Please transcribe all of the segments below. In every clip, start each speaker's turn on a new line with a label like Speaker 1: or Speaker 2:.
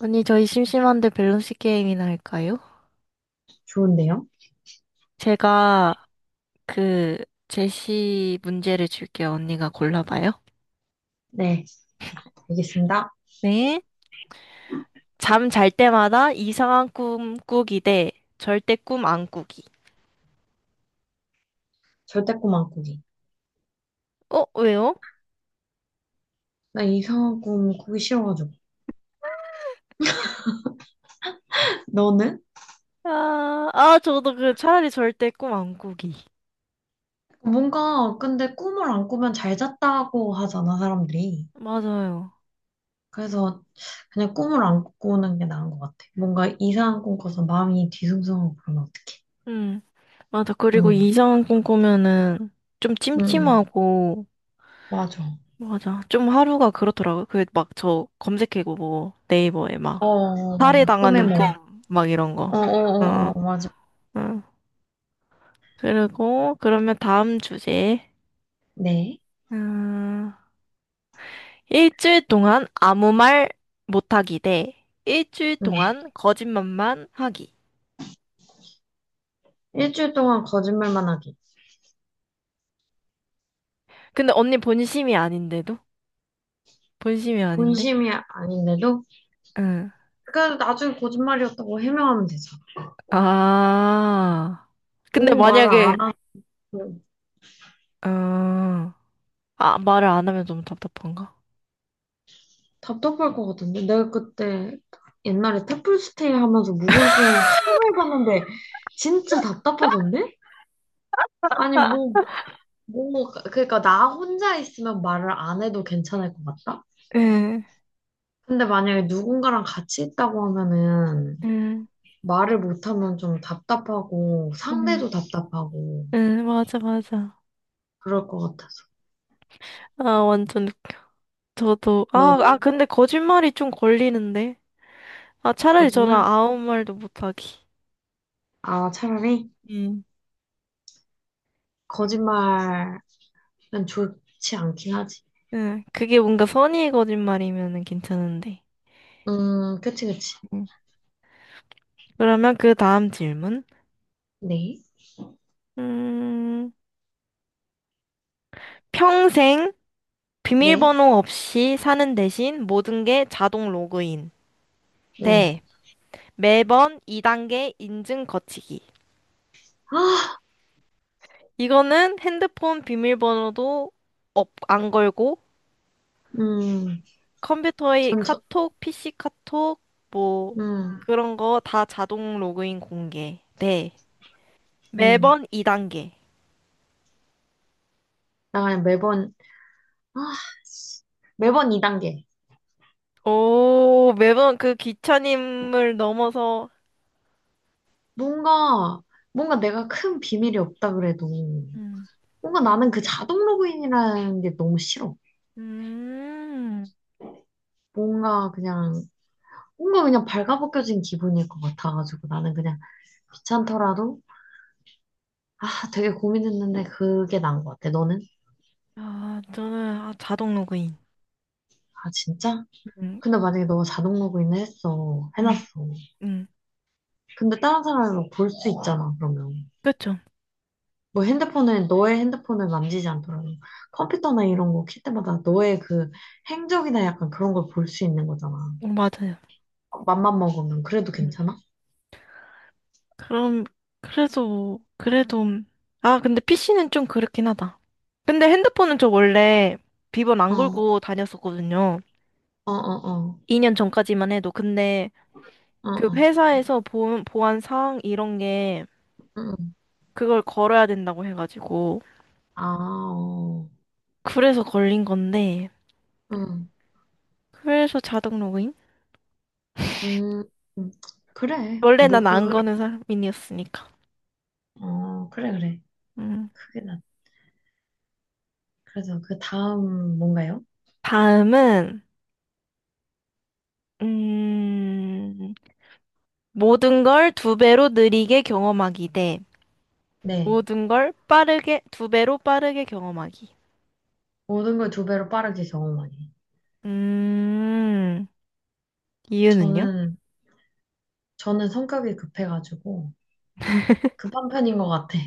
Speaker 1: 언니, 저희 심심한데 밸런스 게임이나 할까요?
Speaker 2: 좋은데요?
Speaker 1: 제가 그 제시 문제를 줄게요. 언니가 골라봐요.
Speaker 2: 네, 알겠습니다.
Speaker 1: 네. 잠 잘 때마다 이상한 꿈 꾸기 대 절대 꿈 안 꾸기.
Speaker 2: 절대 꿈 안 꾸기.
Speaker 1: 어, 왜요?
Speaker 2: 나 이상한 꿈 꾸기 싫어가지고. 너는?
Speaker 1: 아, 아, 저도 그 차라리 절대 꿈 안 꾸기.
Speaker 2: 뭔가 근데 꿈을 안 꾸면 잘 잤다고 하잖아, 사람들이.
Speaker 1: 맞아요.
Speaker 2: 그래서 그냥 꿈을 안 꾸는 게 나은 것 같아. 뭔가 이상한 꿈 꿔서 마음이 뒤숭숭하고 그러면 어떡해.
Speaker 1: 음. 맞아. 그리고
Speaker 2: 응,
Speaker 1: 이상한 꿈 꾸면은 좀
Speaker 2: 응, 응.
Speaker 1: 찜찜하고,
Speaker 2: 맞아.
Speaker 1: 맞아. 좀 하루가 그렇더라고요. 그 막 저 검색해고 뭐 네이버에
Speaker 2: 어,
Speaker 1: 막.
Speaker 2: 어, 맞아. 꿈의
Speaker 1: 살해당하는
Speaker 2: 뭐.
Speaker 1: 꿈, 막 이런 거.
Speaker 2: 어, 어, 어,
Speaker 1: 어,
Speaker 2: 어, 맞아.
Speaker 1: 어. 그리고, 그러면 다음 주제.
Speaker 2: 네.
Speaker 1: 음, 일주일 동안 아무 말 못하기 대 일주일
Speaker 2: 응.
Speaker 1: 동안 거짓말만 하기.
Speaker 2: 일주일 동안 거짓말만 하기.
Speaker 1: 근데 언니 본심이 아닌데도? 본심이 아닌데?
Speaker 2: 본심이 아닌데도,
Speaker 1: 응.
Speaker 2: 그래도 나중에 거짓말이었다고 해명하면 되죠.
Speaker 1: 아. 근데
Speaker 2: 너무 말을 안
Speaker 1: 만약에,
Speaker 2: 하면
Speaker 1: 어, 아, 말을 안 하면 너무 답답한가?
Speaker 2: 답답할 것 같은데. 내가 그때 옛날에 템플스테이 하면서 무건 수행 하루 해봤는데 진짜 답답하던데? 아니, 뭐, 그러니까 나 혼자 있으면 말을 안 해도 괜찮을 것 같다?
Speaker 1: 응,
Speaker 2: 근데 만약에 누군가랑 같이 있다고 하면은
Speaker 1: 응,
Speaker 2: 말을 못하면 좀 답답하고
Speaker 1: 응,
Speaker 2: 상대도 답답하고
Speaker 1: 응, 맞아, 맞아.
Speaker 2: 그럴 것 같아서.
Speaker 1: 아, 완전 저도, 아, 아,
Speaker 2: 너는
Speaker 1: 근데 거짓말이 좀 걸리는데. 아, 차라리 저는
Speaker 2: 거짓말?
Speaker 1: 아무 말도 못하기.
Speaker 2: 아, 차라리
Speaker 1: 음.
Speaker 2: 거짓말은 좋지 않긴 하지.
Speaker 1: 응, 그게 뭔가 선의의 거짓말이면은 괜찮은데.
Speaker 2: 그치, 그치.
Speaker 1: 음. 그러면 그 다음 질문.
Speaker 2: 네,
Speaker 1: 음, 평생
Speaker 2: 네,
Speaker 1: 비밀번호 없이 사는 대신 모든 게 자동 로그인.
Speaker 2: 네.
Speaker 1: 네. 매번 2단계 인증 거치기.
Speaker 2: 아,
Speaker 1: 이거는 핸드폰 비밀번호도 안 걸고
Speaker 2: 음,
Speaker 1: 컴퓨터의
Speaker 2: 전 저,
Speaker 1: 카톡, PC 카톡, 뭐
Speaker 2: 음,
Speaker 1: 그런 거 다 자동 로그인 공개. 네.
Speaker 2: 음.
Speaker 1: 매번 2단계.
Speaker 2: 나 그냥 매번, 아, 씨. 매번 2단계.
Speaker 1: 오, 매번 그 귀차님을 넘어서
Speaker 2: 뭔가, 뭔가 내가 큰 비밀이 없다 그래도,
Speaker 1: 음.
Speaker 2: 뭔가 나는 그 자동 로그인이라는 게 너무 싫어.
Speaker 1: 음.
Speaker 2: 뭔가 그냥, 뭔가 그냥 발가벗겨진 기분일 것 같아가지고, 나는 그냥 귀찮더라도, 아, 되게 고민했는데 그게 나은 것 같아. 너는?
Speaker 1: 아, 저는 아, 자동 로그인.
Speaker 2: 아, 진짜?
Speaker 1: 음.
Speaker 2: 근데 만약에 너가 자동 로그인을 했어.
Speaker 1: 음.
Speaker 2: 해놨어.
Speaker 1: 음.
Speaker 2: 근데 다른 사람은 볼 수 있잖아, 그러면.
Speaker 1: 그렇죠.
Speaker 2: 뭐 너의 핸드폰을 만지지 않더라도 컴퓨터나 이런 거 킬 때마다 너의 그 행적이나 약간 그런 걸 볼 수 있는 거잖아.
Speaker 1: 어, 맞아요.
Speaker 2: 맘만 먹으면 그래도
Speaker 1: 음.
Speaker 2: 괜찮아?
Speaker 1: 그럼 그래서 뭐 그래도 아, 근데 PC는 좀 그렇긴 하다. 근데 핸드폰은 저 원래 비번
Speaker 2: 어,
Speaker 1: 안
Speaker 2: 어,
Speaker 1: 걸고 다녔었거든요.
Speaker 2: 어, 어,
Speaker 1: 2년 전까지만 해도. 근데
Speaker 2: 어,
Speaker 1: 그
Speaker 2: 어,
Speaker 1: 회사에서 보안 사항 이런 게
Speaker 2: 응, 응.
Speaker 1: 그걸 걸어야 된다고 해가지고.
Speaker 2: 아, 어,
Speaker 1: 그래서 걸린 건데.
Speaker 2: 응,
Speaker 1: 그래서 자동 로그인?
Speaker 2: 음, 음. 그래.
Speaker 1: 원래
Speaker 2: 뭐
Speaker 1: 난 안
Speaker 2: 그,
Speaker 1: 거는 사람이었으니까.
Speaker 2: 어, 그래, 그래.
Speaker 1: 음.
Speaker 2: 그게 나. 그래서 그 다음 뭔가요?
Speaker 1: 다음은, 음, 모든 걸 두 배로 느리게 경험하기 대
Speaker 2: 네.
Speaker 1: 모든 걸 빠르게, 두 배로 빠르게 경험하기.
Speaker 2: 모든 걸 두 배로 빠르게 경험하기.
Speaker 1: 음, 이유는요?
Speaker 2: 저는, 저는 성격이 급해가지고, 급한 편인 것 같아.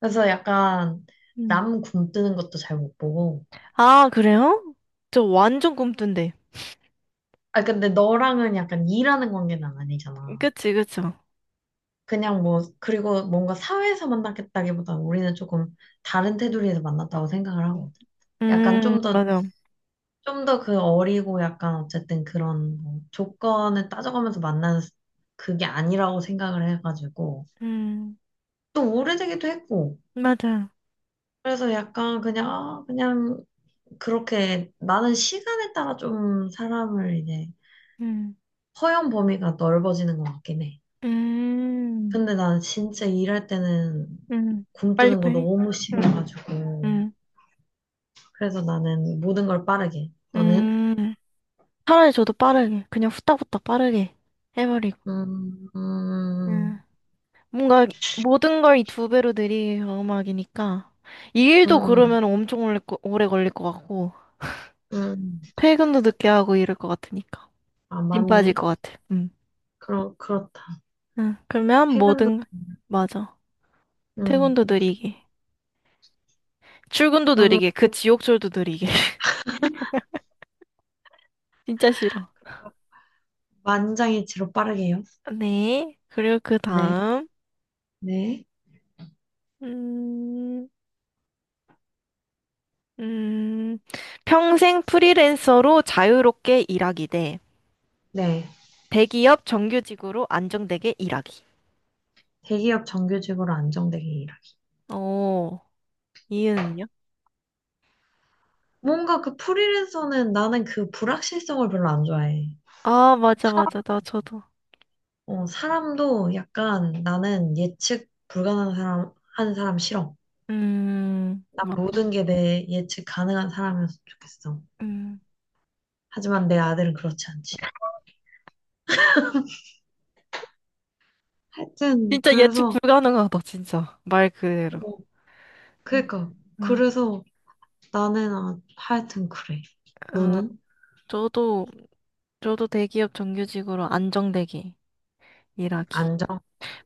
Speaker 2: 그래서 약간
Speaker 1: 음.
Speaker 2: 남 굶뜨는 것도 잘 못 보고.
Speaker 1: 아, 그래요? 저 완전 꿈뜬데.
Speaker 2: 아, 근데 너랑은 약간 일하는 관계는 아니잖아.
Speaker 1: 그치, 그쵸.
Speaker 2: 그냥 뭐, 그리고 뭔가 사회에서 만났겠다기보다 우리는 조금 다른 테두리에서 만났다고 생각을 하거든. 약간 좀 더,
Speaker 1: 맞아.
Speaker 2: 좀 더 그 어리고 약간 어쨌든 그런 뭐 조건을 따져가면서 만나는 그게 아니라고 생각을 해가지고.
Speaker 1: 음,
Speaker 2: 또 오래되기도 했고.
Speaker 1: 맞아.
Speaker 2: 그래서 약간 그냥, 아, 그냥 그렇게 나는 시간에 따라 좀 사람을 이제
Speaker 1: 음,
Speaker 2: 허용 범위가 넓어지는 것 같긴 해.
Speaker 1: 음,
Speaker 2: 근데 난 진짜 일할 때는
Speaker 1: 음.
Speaker 2: 굶뜨는 거
Speaker 1: 빨리빨리.
Speaker 2: 너무
Speaker 1: 음,
Speaker 2: 싫어가지고.
Speaker 1: 음,
Speaker 2: 그래서 나는 모든 걸 빠르게. 너는?
Speaker 1: 음. 차라리 저도 빠르게, 그냥 후딱후딱 빠르게 해버리고.
Speaker 2: 음,
Speaker 1: 음.
Speaker 2: 음,
Speaker 1: 뭔가 모든 걸 이 두 배로 느리게 경험하기니까. 이 일도
Speaker 2: 음,
Speaker 1: 그러면 엄청 오래, 오래 걸릴 것 같고,
Speaker 2: 음.
Speaker 1: 퇴근도 늦게 하고 이럴 것 같으니까.
Speaker 2: 아,
Speaker 1: 힘 빠질
Speaker 2: 맞네.
Speaker 1: 것 같아. 음.
Speaker 2: 그렇다.
Speaker 1: 응, 그러면
Speaker 2: 퇴근도,
Speaker 1: 모든, 맞아.
Speaker 2: 음.
Speaker 1: 퇴근도 느리게. 출근도
Speaker 2: 그러면
Speaker 1: 느리게. 그 지옥철도 느리게. 진짜 싫어.
Speaker 2: 만장일치로 빠르게요.
Speaker 1: 네. 그리고 그
Speaker 2: 네,
Speaker 1: 다음,
Speaker 2: 네,
Speaker 1: 음, 음, 평생 프리랜서로 자유롭게 일하기 대
Speaker 2: 네.
Speaker 1: 대기업 정규직으로 안정되게 일하기.
Speaker 2: 대기업 정규직으로 안정되게 일하.
Speaker 1: 오, 이은은요?
Speaker 2: 뭔가 그 프리랜서는 나는 그 불확실성을 별로 안 좋아해.
Speaker 1: 아, 맞아, 맞아. 나 저도.
Speaker 2: 어, 사람도 약간 나는 예측 불가능한 사람, 하는 사람 싫어. 난
Speaker 1: 맞아.
Speaker 2: 모든 게 내 예측 가능한 사람이었으면 좋겠어.
Speaker 1: 음.
Speaker 2: 하지만 내 아들은 그렇지 않지. 하여튼,
Speaker 1: 진짜 예측
Speaker 2: 그래서,
Speaker 1: 불가능하다, 진짜. 말 그대로.
Speaker 2: 어,
Speaker 1: 음,
Speaker 2: 그러니까,
Speaker 1: 음.
Speaker 2: 그래서 나는 아, 하여튼 그래.
Speaker 1: 어,
Speaker 2: 너는?
Speaker 1: 저도, 저도 대기업 정규직으로 안정되게 일하기.
Speaker 2: 안정?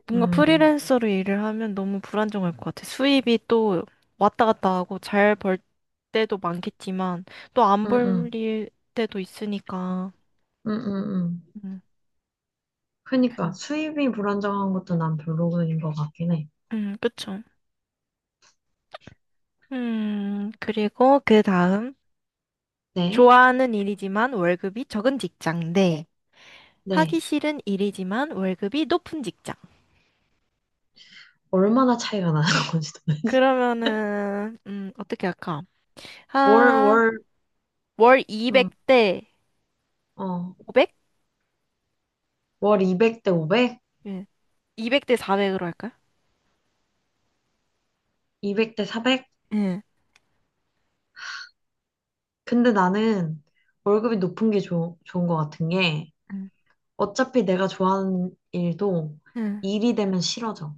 Speaker 1: 뭔가
Speaker 2: 음,
Speaker 1: 프리랜서로 일을 하면 너무 불안정할 것 같아. 수입이 또 왔다 갔다 하고 잘 벌 때도 많겠지만 또 안
Speaker 2: 음,
Speaker 1: 벌
Speaker 2: 음,
Speaker 1: 때도 있으니까.
Speaker 2: 음, 음, 음.
Speaker 1: 음,
Speaker 2: 그러니까 수입이 불안정한 것도 난 별로인 것 같긴 해.
Speaker 1: 그쵸. 그리고 그 다음.
Speaker 2: 네,
Speaker 1: 좋아하는 일이지만 월급이 적은 직장 대 하기
Speaker 2: 네.
Speaker 1: 싫은 일이지만 월급이 높은 직장.
Speaker 2: 얼마나 차이가 나는 건지 도.
Speaker 1: 그러면은, 어떻게 할까?
Speaker 2: 월,
Speaker 1: 아,
Speaker 2: 월,
Speaker 1: 월
Speaker 2: 응,
Speaker 1: 200대
Speaker 2: 어,
Speaker 1: 500?
Speaker 2: 월 200대 500?
Speaker 1: 예. 200대 400으로 할까요?
Speaker 2: 200대 400?
Speaker 1: 예.
Speaker 2: 근데 나는 월급이 높은 게 좋은 것 같은 게 어차피 내가 좋아하는 일도
Speaker 1: 응.
Speaker 2: 일이 되면 싫어져.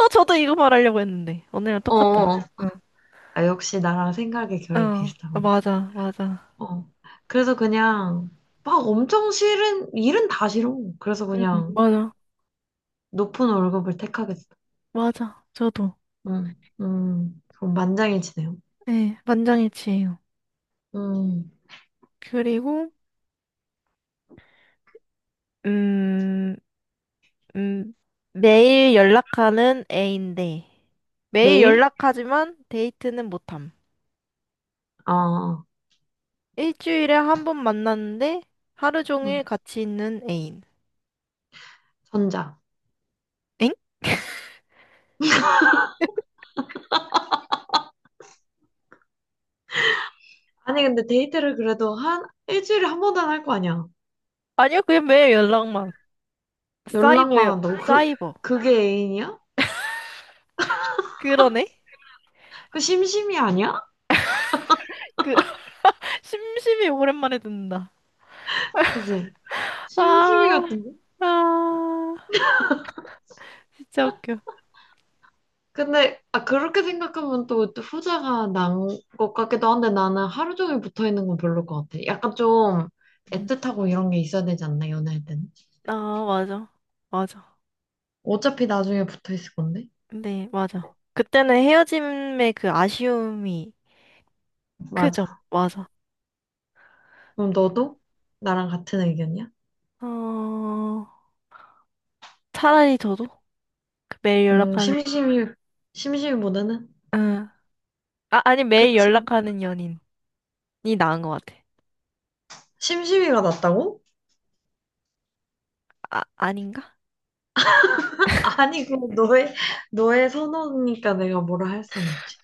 Speaker 1: 어, 저도 이거 말하려고 했는데. 언니랑
Speaker 2: 어,
Speaker 1: 똑같다.
Speaker 2: 어.
Speaker 1: 응.
Speaker 2: 아, 역시 나랑 생각의 결이
Speaker 1: 어, 어,
Speaker 2: 비슷하군.
Speaker 1: 맞아, 맞아.
Speaker 2: 어. 그래서 그냥 막 엄청 싫은, 일은 다 싫어. 그래서
Speaker 1: 응,
Speaker 2: 그냥
Speaker 1: 맞아.
Speaker 2: 높은 월급을 택하겠어.
Speaker 1: 맞아. 저도.
Speaker 2: 그럼 만장일치네요.
Speaker 1: 네, 만장일치예요.
Speaker 2: 음,
Speaker 1: 그리고, 음, 음, 매일 연락하는 애인데, 매일
Speaker 2: 매일?
Speaker 1: 연락하지만 데이트는 못함.
Speaker 2: 어,
Speaker 1: 일주일에 한 번 만났는데, 하루
Speaker 2: 응.
Speaker 1: 종일 같이 있는 애인.
Speaker 2: 전자.
Speaker 1: 엥?
Speaker 2: 아니, 근데 데이트를 그래도 한 일주일에 한 번은 할 거 아니야.
Speaker 1: 아니요, 그냥 매일 연락만.
Speaker 2: 연락만
Speaker 1: 사이버요,
Speaker 2: 한다고. 그,
Speaker 1: 사이버.
Speaker 2: 그게 애인이야?
Speaker 1: 그러네?
Speaker 2: 그 심심이 아니야?
Speaker 1: 그, 심심이 오랜만에 듣는다.
Speaker 2: 그지? 심심이
Speaker 1: 아,
Speaker 2: 같은데?
Speaker 1: 아, 진짜 웃겨.
Speaker 2: 근데, 아, 그렇게 생각하면 또, 후자가 난 것 같기도 한데 나는 하루 종일 붙어 있는 건 별로일 것 같아. 약간 좀
Speaker 1: 음.
Speaker 2: 애틋하고 이런 게 있어야 되지 않나, 연애할 때는?
Speaker 1: 아, 맞아. 맞아.
Speaker 2: 어차피 나중에 붙어 있을 건데?
Speaker 1: 네, 맞아. 그때는 헤어짐의 그 아쉬움이 크죠.
Speaker 2: 맞아.
Speaker 1: 맞아.
Speaker 2: 그럼 너도 나랑 같은 의견이야?
Speaker 1: 어, 차라리 저도 그 매일
Speaker 2: 음,
Speaker 1: 연락하는,
Speaker 2: 심심이, 심심이보다는?
Speaker 1: 응. 아, 아니, 매일
Speaker 2: 그치.
Speaker 1: 연락하는 연인이 나은 것 같아.
Speaker 2: 심심이가 낫다고?
Speaker 1: 아, 아닌가?
Speaker 2: 아니, 그 너의 선호니까 내가 뭐라 할 수는 없지.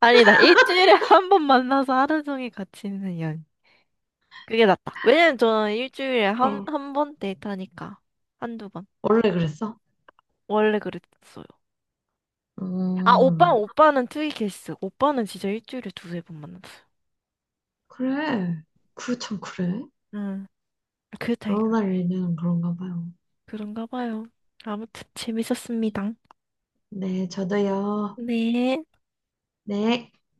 Speaker 1: 아니다. 일주일에 한 번 만나서 하루 종일 같이 있는 연. 그게 낫다. 왜냐면 저는 일주일에 한,
Speaker 2: 어,
Speaker 1: 한 번 데이트하니까. 한두 번.
Speaker 2: 원래 그랬어?
Speaker 1: 원래 그랬어요. 아, 오빠,
Speaker 2: 음,
Speaker 1: 오빠는 투이 케이스. 오빠는 진짜 일주일에 두세 번 만났어요.
Speaker 2: 그래. 그, 참, 그래.
Speaker 1: 응. 그 타입.
Speaker 2: 결혼할 일은 그런가 봐요.
Speaker 1: 그런가 봐요. 아무튼 재밌었습니다.
Speaker 2: 네, 저도요.
Speaker 1: 네.
Speaker 2: 네.